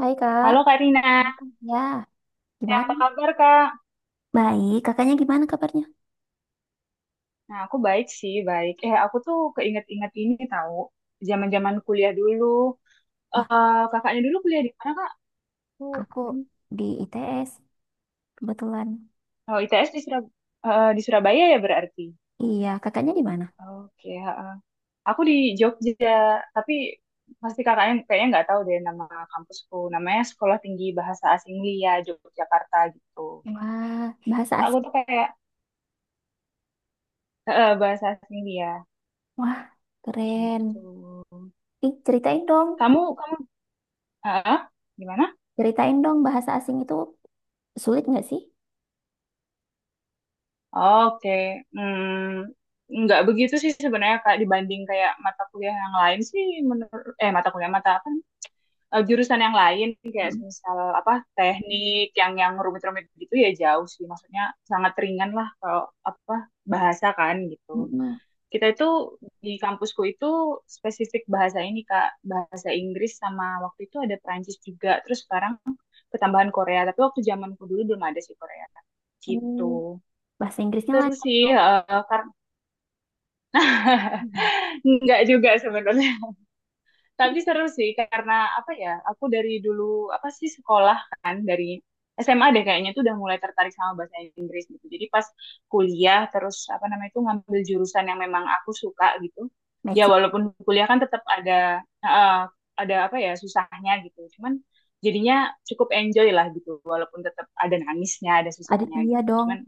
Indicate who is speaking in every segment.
Speaker 1: Hai, Kak.
Speaker 2: Halo Kak Rina,
Speaker 1: Ya, gimana?
Speaker 2: apa kabar Kak?
Speaker 1: Baik. Kakaknya gimana kabarnya?
Speaker 2: Nah, aku baik sih, baik. Aku tuh keinget-inget ini tahu, zaman-zaman kuliah dulu.
Speaker 1: Wah,
Speaker 2: Kakaknya dulu kuliah di mana Kak? Aku,
Speaker 1: aku
Speaker 2: hmm,
Speaker 1: di ITS kebetulan.
Speaker 2: oh, ITS di di Surabaya ya berarti.
Speaker 1: Iya, kakaknya di mana?
Speaker 2: Oke, heeh. Aku di Jogja, tapi pasti kakaknya kayaknya nggak tahu deh nama kampusku. Namanya Sekolah Tinggi Bahasa Asing Lia Yogyakarta gitu.
Speaker 1: Wah, bahasa
Speaker 2: Aku
Speaker 1: asing.
Speaker 2: tuh kayak bahasa asing Lia
Speaker 1: Wah, keren.
Speaker 2: gitu.
Speaker 1: Ih,
Speaker 2: Kamu, heeh, gimana?
Speaker 1: ceritain dong bahasa asing itu sulit nggak sih?
Speaker 2: Oke, nggak begitu sih sebenarnya Kak, dibanding kayak mata kuliah yang lain sih, menurut mata kuliah mata apa eh, jurusan yang lain, kayak
Speaker 1: Mm.
Speaker 2: misal apa, teknik yang rumit-rumit gitu ya, jauh sih maksudnya, sangat ringan lah kalau apa, bahasa kan gitu.
Speaker 1: Mm-mm.
Speaker 2: Kita itu di kampusku itu spesifik bahasa ini Kak, bahasa Inggris sama waktu itu ada Perancis juga, terus sekarang ketambahan Korea, tapi waktu zamanku dulu belum ada sih Korea
Speaker 1: Hmm,
Speaker 2: gitu.
Speaker 1: Bahasa Inggrisnya
Speaker 2: Seru sih,
Speaker 1: lancar.
Speaker 2: heeh, karena
Speaker 1: Mm.
Speaker 2: nggak juga sebenarnya. Tapi seru sih karena apa ya? Aku dari dulu apa sih sekolah, kan dari SMA deh kayaknya tuh udah mulai tertarik sama bahasa Inggris gitu. Jadi pas kuliah terus apa namanya itu ngambil jurusan yang memang aku suka gitu. Ya
Speaker 1: Matching.
Speaker 2: walaupun kuliah kan tetap eh, ada apa ya susahnya gitu. Cuman jadinya cukup enjoy lah gitu. Walaupun tetap ada nangisnya, ada
Speaker 1: Ada
Speaker 2: susahnya
Speaker 1: iya
Speaker 2: gitu.
Speaker 1: dong.
Speaker 2: Cuman.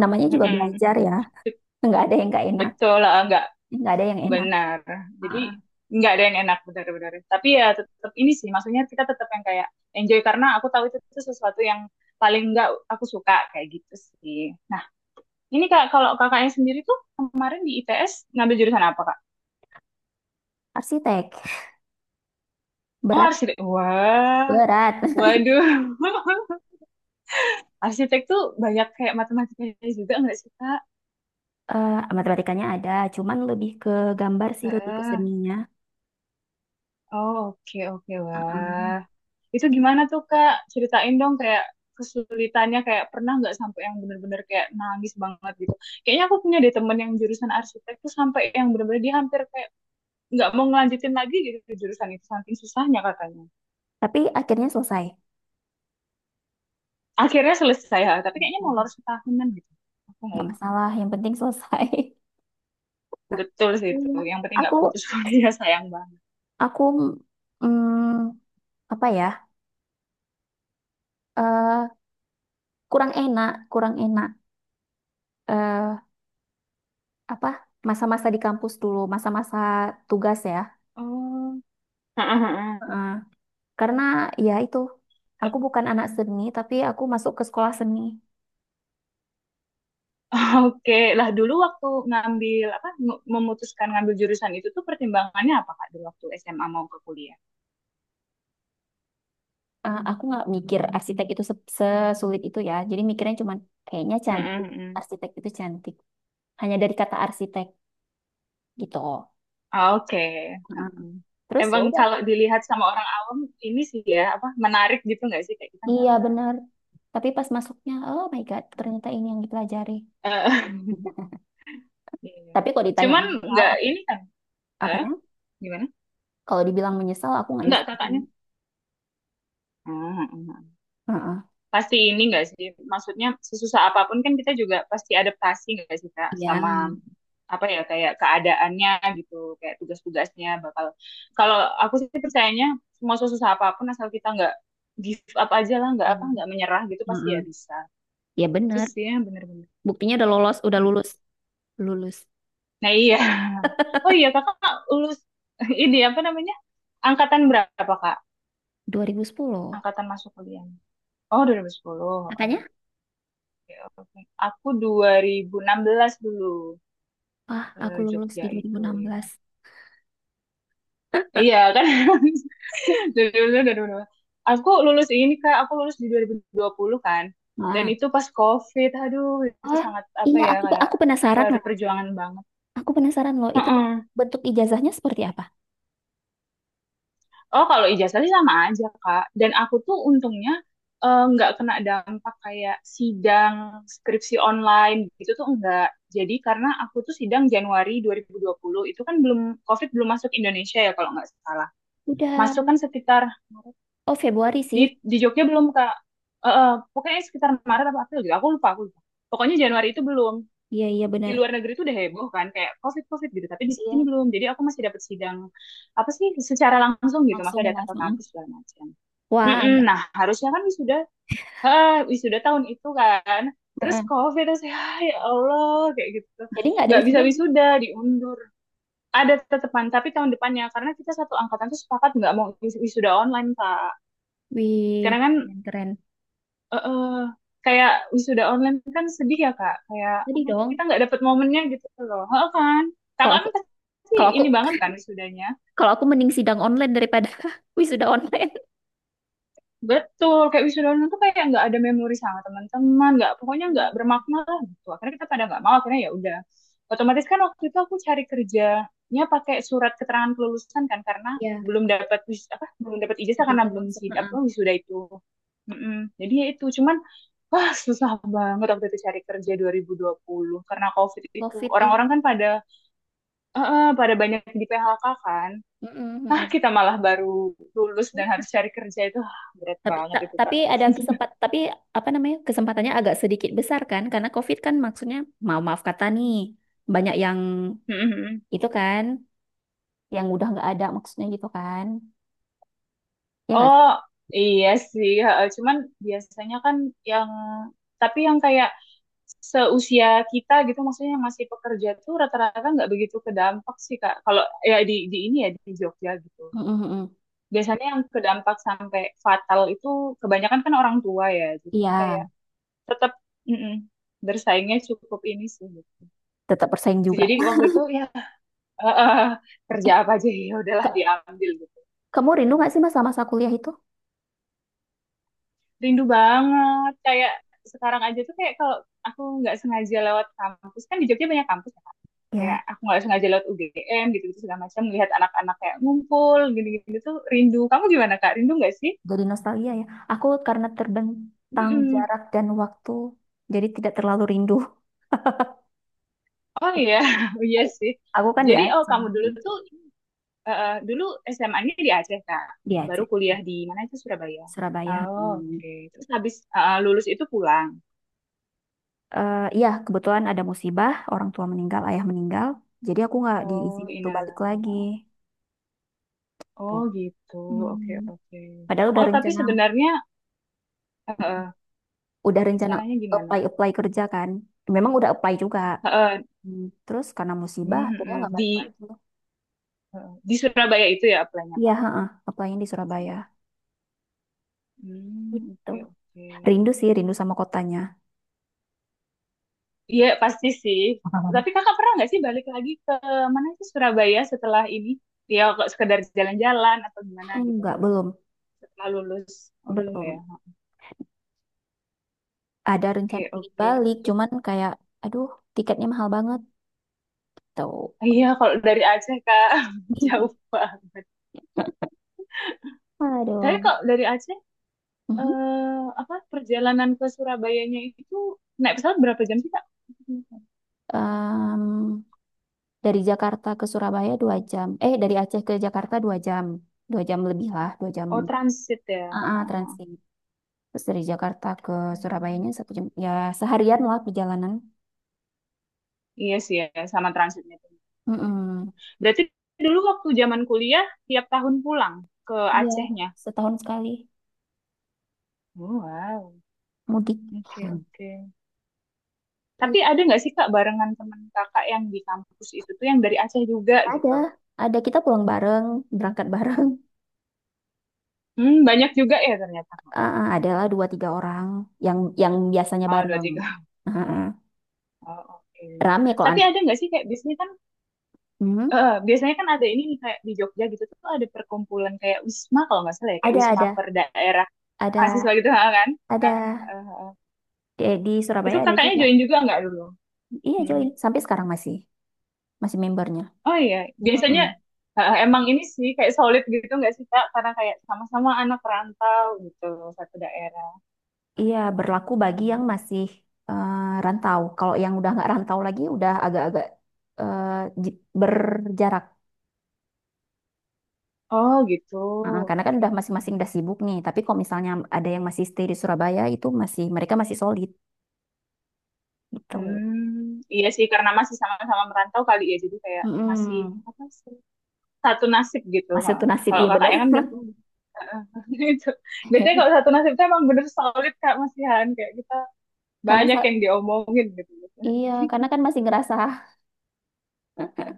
Speaker 1: Namanya juga
Speaker 2: Mm-mm.
Speaker 1: belajar ya.
Speaker 2: bet-
Speaker 1: Nggak ada yang nggak enak,
Speaker 2: Betul, lah, nggak.
Speaker 1: nggak ada yang enak.
Speaker 2: Benar.
Speaker 1: Ah,
Speaker 2: Jadi nggak ada yang enak benar-benar. Tapi ya tetap ini sih, maksudnya kita tetap yang kayak enjoy karena aku tahu itu tuh sesuatu yang paling nggak aku suka kayak gitu sih. Nah, ini Kak, kalau kakaknya sendiri tuh kemarin di ITS ngambil jurusan apa Kak?
Speaker 1: arsitek,
Speaker 2: Oh,
Speaker 1: berat,
Speaker 2: arsitek. Wah,
Speaker 1: berat.
Speaker 2: waduh. Arsitek tuh banyak kayak matematikanya juga nggak sih Kak?
Speaker 1: Matematikanya ada, cuman lebih ke gambar sih, lebih ke seninya.
Speaker 2: Oh, oke, oke, wah.
Speaker 1: Heeh.
Speaker 2: Itu gimana tuh, Kak? Ceritain dong kayak kesulitannya, kayak pernah nggak sampai yang bener-bener kayak nangis banget gitu. Kayaknya aku punya deh temen yang jurusan arsitek tuh sampai yang bener-bener dia hampir kayak nggak mau ngelanjutin lagi gitu ke jurusan itu, saking susahnya katanya.
Speaker 1: Tapi akhirnya selesai.
Speaker 2: Akhirnya selesai, ha, tapi kayaknya molor setahunan gitu. Aku nggak
Speaker 1: Nggak
Speaker 2: ingat.
Speaker 1: masalah, yang penting selesai.
Speaker 2: Betul sih itu.
Speaker 1: Iya.
Speaker 2: Yang penting
Speaker 1: Aku,
Speaker 2: nggak putus kuliah, sayang banget.
Speaker 1: aku, mm, apa ya, eh, kurang enak, kurang enak. eh Apa, masa-masa di kampus dulu, masa-masa tugas ya.
Speaker 2: Oh,
Speaker 1: Heeh. Karena ya itu, aku bukan anak seni, tapi aku masuk ke sekolah seni.
Speaker 2: Oke, lah dulu waktu ngambil apa, memutuskan ngambil jurusan itu tuh pertimbangannya apa Kak, dulu waktu SMA mau ke kuliah?
Speaker 1: Aku nggak mikir arsitek itu sesulit itu ya. Jadi mikirnya cuman kayaknya
Speaker 2: Mm-mm,
Speaker 1: cantik,
Speaker 2: mm-mm.
Speaker 1: arsitek itu cantik. Hanya dari kata arsitek gitu.
Speaker 2: Oke,
Speaker 1: Heeh.
Speaker 2: heeh.
Speaker 1: Terus ya
Speaker 2: Emang
Speaker 1: udah,
Speaker 2: kalau dilihat sama orang awam ini sih ya apa, menarik gitu nggak sih kayak kita
Speaker 1: iya
Speaker 2: gambar.
Speaker 1: benar. Tapi pas masuknya, oh my God, ternyata ini yang dipelajari.
Speaker 2: Eh, Iya.
Speaker 1: Tapi kalau ditanya
Speaker 2: Cuman
Speaker 1: menyesal,
Speaker 2: nggak ini kan, eh,
Speaker 1: apanya?
Speaker 2: gimana?
Speaker 1: Kalau dibilang menyesal, aku nggak
Speaker 2: Nggak
Speaker 1: nyesal.
Speaker 2: kakaknya? Hmm, hmm, hmm.
Speaker 1: Heeh.
Speaker 2: Pasti ini nggak sih? Maksudnya sesusah apapun kan kita juga pasti adaptasi nggak sih Kak,
Speaker 1: Iya.
Speaker 2: sama apa ya kayak keadaannya gitu, kayak tugas-tugasnya bakal, kalau aku sih percayanya semua susah apapun asal kita nggak give up aja lah, nggak apa,
Speaker 1: Men-
Speaker 2: nggak menyerah gitu pasti ya
Speaker 1: Heeh.
Speaker 2: bisa,
Speaker 1: Ya
Speaker 2: itu
Speaker 1: benar.
Speaker 2: sih yang bener-bener.
Speaker 1: Buktinya udah lolos, udah
Speaker 2: Mm.
Speaker 1: lulus. Lulus
Speaker 2: Nah iya, oh iya kakak lulus. Ini apa namanya, angkatan berapa Kak,
Speaker 1: 2010.
Speaker 2: angkatan masuk kuliah? Oh, 2010,
Speaker 1: Makanya,
Speaker 2: oke, oke. Aku 2016 dulu,
Speaker 1: wah, aku lulus di
Speaker 2: Jogja itu ya. Iya kan? Dari dulu, dari dulu. Aku lulus ini Kak, aku lulus di dua dua ribu dua puluh kan. Dan
Speaker 1: 2016.
Speaker 2: itu pas COVID, aduh itu
Speaker 1: Oh,
Speaker 2: sangat apa
Speaker 1: iya,
Speaker 2: ya
Speaker 1: aku
Speaker 2: kayak
Speaker 1: aku penasaran loh.
Speaker 2: perjuangan banget.
Speaker 1: Aku penasaran loh itu
Speaker 2: Heeh.
Speaker 1: bentuk ijazahnya seperti apa?
Speaker 2: Oh kalau ijazah sih sama aja Kak. Dan aku tuh untungnya nggak kena dampak kayak sidang skripsi online gitu tuh enggak. Jadi karena aku tuh sidang Januari dua dua ribu dua puluh, itu kan belum, COVID belum masuk Indonesia ya kalau nggak salah.
Speaker 1: Udah.
Speaker 2: Masuk kan sekitar.
Speaker 1: Oh, Februari
Speaker 2: Di
Speaker 1: sih.
Speaker 2: di Jogja belum Kak. Pokoknya sekitar Maret apa April gitu. Aku lupa, aku lupa. Pokoknya Januari itu belum.
Speaker 1: Iya, iya,
Speaker 2: Di
Speaker 1: benar.
Speaker 2: luar negeri itu udah heboh kan kayak COVID-COVID gitu, tapi di sini
Speaker 1: Iya,
Speaker 2: belum. Jadi aku masih dapat sidang apa sih secara langsung gitu,
Speaker 1: langsung
Speaker 2: masih datang ke
Speaker 1: langsung.
Speaker 2: kampus segala macam.
Speaker 1: Wah,
Speaker 2: Mm-mm.
Speaker 1: enggak.
Speaker 2: Nah, harusnya kan wisuda, wisuda tahun itu kan. Terus
Speaker 1: Heeh.
Speaker 2: COVID terus ya, ya Allah kayak gitu.
Speaker 1: Jadi nggak ada
Speaker 2: Nggak bisa
Speaker 1: wisudanya.
Speaker 2: wisuda, diundur. Ada tetepan, tapi tahun depannya karena kita satu angkatan tuh sepakat nggak mau wisuda online, Kak.
Speaker 1: Wih,
Speaker 2: Karena kan
Speaker 1: keren keren.
Speaker 2: eh, kayak wisuda online kan sedih ya Kak, kayak
Speaker 1: Jadi
Speaker 2: apa,
Speaker 1: dong,
Speaker 2: kita nggak dapet momennya gitu loh. Heeh kan,
Speaker 1: kalau
Speaker 2: kakak
Speaker 1: aku
Speaker 2: kan pasti
Speaker 1: kalau aku
Speaker 2: ini banget kan wisudanya.
Speaker 1: kalau aku mending sidang online daripada wisuda online.
Speaker 2: Betul, kayak wisuda online tuh kayak nggak ada memori sama teman-teman, nggak, pokoknya nggak bermakna lah gitu. Akhirnya kita pada nggak mau, akhirnya ya udah. Otomatis kan waktu itu aku cari kerjanya pakai surat keterangan kelulusan kan karena
Speaker 1: Iya,
Speaker 2: belum dapat apa, belum dapat ijazah karena
Speaker 1: ijazah
Speaker 2: belum
Speaker 1: langsung.
Speaker 2: sidap,
Speaker 1: Heeh.
Speaker 2: oh, wisuda itu. Mm-mm. Jadi ya itu cuman, wah susah banget waktu itu cari kerja dua dua ribu dua puluh karena COVID itu.
Speaker 1: COVID ini.
Speaker 2: Orang-orang kan pada banyak di PHK kan.
Speaker 1: Heeh,
Speaker 2: Ah,
Speaker 1: heeh.
Speaker 2: kita malah baru lulus dan harus cari kerja itu, ah berat
Speaker 1: Tapi,
Speaker 2: banget
Speaker 1: ta-
Speaker 2: itu, Kak.
Speaker 1: tapi ada kesempat, tapi apa namanya kesempatannya agak sedikit besar kan, karena COVID kan maksudnya mau maaf kata nih banyak yang
Speaker 2: Mhm.
Speaker 1: itu kan, yang udah nggak ada maksudnya gitu kan, ya nggak?
Speaker 2: Oh iya sih, heeh. Cuman biasanya kan yang, tapi yang kayak seusia kita gitu, maksudnya yang masih pekerja tuh rata-rata nggak begitu kedampak sih Kak. Kalau ya di ini ya di Jogja gitu.
Speaker 1: Mm, mm, mm. Mm.
Speaker 2: Biasanya yang kedampak sampai fatal itu kebanyakan kan orang tua ya. Jadi
Speaker 1: Iya,
Speaker 2: kayak tetap, mm-mm, bersaingnya cukup ini sih, gitu.
Speaker 1: tetap bersaing juga.
Speaker 2: Jadi waktu
Speaker 1: Nah,
Speaker 2: itu ya eh, eh, kerja
Speaker 1: Eh,
Speaker 2: apa aja ya udahlah
Speaker 1: ka-
Speaker 2: diambil gitu.
Speaker 1: kamu rindu nggak sih mas sama masa kuliah itu?
Speaker 2: Rindu banget, kayak sekarang aja tuh kayak kalau aku nggak sengaja lewat kampus kan di Jogja banyak kampus ya Kak. Kayak
Speaker 1: Ya,
Speaker 2: aku nggak sengaja lewat UGM gitu gitu segala macam, melihat anak-anak kayak ngumpul gitu-gitu tuh rindu, kamu gimana Kak, rindu nggak sih?
Speaker 1: jadi nostalgia ya. Aku karena terbentang
Speaker 2: Mm-mm.
Speaker 1: jarak dan waktu, jadi tidak terlalu rindu.
Speaker 2: Oh iya, oh, iya sih.
Speaker 1: Aku kan di
Speaker 2: Jadi oh,
Speaker 1: Aceh.
Speaker 2: kamu dulu tuh dulu SMA-nya di Aceh Kak,
Speaker 1: Di
Speaker 2: baru
Speaker 1: Aceh.
Speaker 2: kuliah di mana itu, Surabaya.
Speaker 1: Surabaya.
Speaker 2: Oh,
Speaker 1: Hmm.
Speaker 2: oke, terus habis lulus itu pulang.
Speaker 1: Iya, kebetulan ada musibah, orang tua meninggal, ayah meninggal. Jadi aku nggak
Speaker 2: Oh,
Speaker 1: diizinin tuh balik
Speaker 2: innalillahi.
Speaker 1: lagi.
Speaker 2: Oh
Speaker 1: Oh.
Speaker 2: gitu, oke,
Speaker 1: Hmm.
Speaker 2: oke.
Speaker 1: Padahal
Speaker 2: Oh tapi sebenarnya eh, eh,
Speaker 1: udah rencana
Speaker 2: rencananya gimana?
Speaker 1: apply apply kerja kan. Memang udah apply juga.
Speaker 2: Eh, eh,
Speaker 1: Hmm. Terus karena musibah,
Speaker 2: mm,
Speaker 1: akhirnya
Speaker 2: mm,
Speaker 1: nggak
Speaker 2: di
Speaker 1: balik lagi.
Speaker 2: di Surabaya itu ya apply-nya
Speaker 1: Iya,
Speaker 2: Kak?
Speaker 1: heeh, apply-nya di Surabaya.
Speaker 2: Hmm,
Speaker 1: Gitu.
Speaker 2: oke, oke.
Speaker 1: Rindu sih, rindu sama kotanya.
Speaker 2: Iya pasti sih. Tapi kakak pernah nggak sih balik lagi ke mana sih Surabaya setelah ini? Ya kok, sekedar jalan-jalan atau gimana gitu.
Speaker 1: Enggak, belum,
Speaker 2: Setelah lulus. Oh belum ya.
Speaker 1: belum. Ada rencana
Speaker 2: Oke,
Speaker 1: ingin
Speaker 2: oke.
Speaker 1: balik, cuman kayak, aduh, tiketnya mahal banget. Tuh.
Speaker 2: Iya kalau dari Aceh Kak, jauh banget. Tapi
Speaker 1: Aduh.
Speaker 2: kok dari Aceh
Speaker 1: Mhm.
Speaker 2: apa, perjalanan ke Surabayanya itu naik pesawat berapa jam sih Kak?
Speaker 1: Em, dari Jakarta ke Surabaya 2 jam. Dari Aceh ke Jakarta 2 jam. 2 jam lebih lah, 2 jam.
Speaker 2: Oh, transit ya.
Speaker 1: Ah, ah,
Speaker 2: Heeh.
Speaker 1: transit. Terus dari Jakarta ke Surabayanya
Speaker 2: Hmm.
Speaker 1: 1 jam. Ya, seharian lah perjalanan.
Speaker 2: Iya sih ya, sama transitnya.
Speaker 1: Mm-mm.
Speaker 2: Berarti dulu waktu zaman kuliah tiap tahun pulang ke
Speaker 1: Iya,
Speaker 2: Acehnya.
Speaker 1: setahun sekali
Speaker 2: Oh, wow.
Speaker 1: mudik.
Speaker 2: Oke,
Speaker 1: Hmm.
Speaker 2: oke.
Speaker 1: Gitu.
Speaker 2: Tapi ada nggak sih Kak, barengan teman kakak yang di kampus itu tuh yang dari Aceh juga
Speaker 1: Ada,
Speaker 2: gitu?
Speaker 1: ada, kita pulang bareng, berangkat bareng.
Speaker 2: Yang- Banyak juga ya ternyata.
Speaker 1: Ah, ah, adalah 2-3 orang yang biasanya
Speaker 2: Oh, dua
Speaker 1: bareng.
Speaker 2: tiga.
Speaker 1: Ah, ah.
Speaker 2: Oh, oke.
Speaker 1: Rame kalau
Speaker 2: Tapi
Speaker 1: anak.
Speaker 2: ada nggak sih kayak bisnis kan,
Speaker 1: Hmm.
Speaker 2: biasanya kan ada ini nih, kayak di Jogja gitu tuh ada perkumpulan kayak wisma kalau nggak salah, ya kayak
Speaker 1: Ada,
Speaker 2: wisma
Speaker 1: ada,
Speaker 2: per daerah mahasiswa
Speaker 1: ada,
Speaker 2: gitu, ha, kan. Nah,
Speaker 1: ada.
Speaker 2: eh, eh,
Speaker 1: Di
Speaker 2: itu
Speaker 1: Surabaya ada
Speaker 2: kakaknya
Speaker 1: juga.
Speaker 2: join juga nggak dulu?
Speaker 1: Iya
Speaker 2: Hmm.
Speaker 1: join sampai sekarang masih masih membernya.
Speaker 2: Oh iya,
Speaker 1: Mm-mm.
Speaker 2: biasanya emang ini sih kayak solid gitu nggak sih Kak? Karena kayak sama-sama anak rantau gitu, satu daerah.
Speaker 1: Iya berlaku bagi yang
Speaker 2: Benar.
Speaker 1: masih eh, rantau. Kalau yang udah nggak rantau lagi udah agak-agak eh, berjarak.
Speaker 2: Oh gitu.
Speaker 1: Ah, karena kan
Speaker 2: Oke.
Speaker 1: udah masing-masing udah sibuk nih. Tapi kalau misalnya ada yang masih stay di Surabaya itu masih mereka masih solid gitu.
Speaker 2: Iya sih, karena masih sama-sama merantau kali ya, jadi kayak masih
Speaker 1: Mm-mm.
Speaker 2: apa sih, satu nasib gitu,
Speaker 1: Masih
Speaker 2: ha.
Speaker 1: tuh nasib
Speaker 2: Kalau
Speaker 1: iya benar.
Speaker 2: kakaknya kan udah punya. Heeh, itu. Biasanya kalau satu nasib itu emang bener solid Kak Masihan. Kayak kita
Speaker 1: Karena
Speaker 2: banyak
Speaker 1: sa-
Speaker 2: yang diomongin gitu.
Speaker 1: iya, karena kan masih ngerasa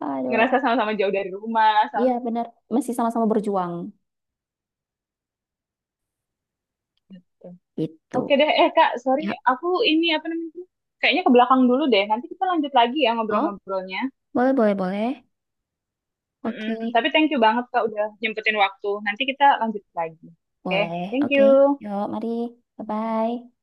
Speaker 1: aduh
Speaker 2: Ngerasa sama-sama jauh dari rumah.
Speaker 1: iya
Speaker 2: Sama.
Speaker 1: benar masih sama-sama berjuang
Speaker 2: Oke
Speaker 1: gitu.
Speaker 2: deh, eh Kak, sorry.
Speaker 1: Ya.
Speaker 2: Aku ini apa namanya? Kayaknya ke belakang dulu deh. Nanti kita lanjut lagi ya
Speaker 1: Oh,
Speaker 2: ngobrol-ngobrolnya.
Speaker 1: boleh boleh boleh.
Speaker 2: Mm-mm.
Speaker 1: Oke.
Speaker 2: Tapi thank you banget Kak udah nyempetin waktu. Nanti kita lanjut lagi. Oke,
Speaker 1: Boleh.
Speaker 2: thank
Speaker 1: Oke.
Speaker 2: you.
Speaker 1: Yuk, mari. Bye-bye.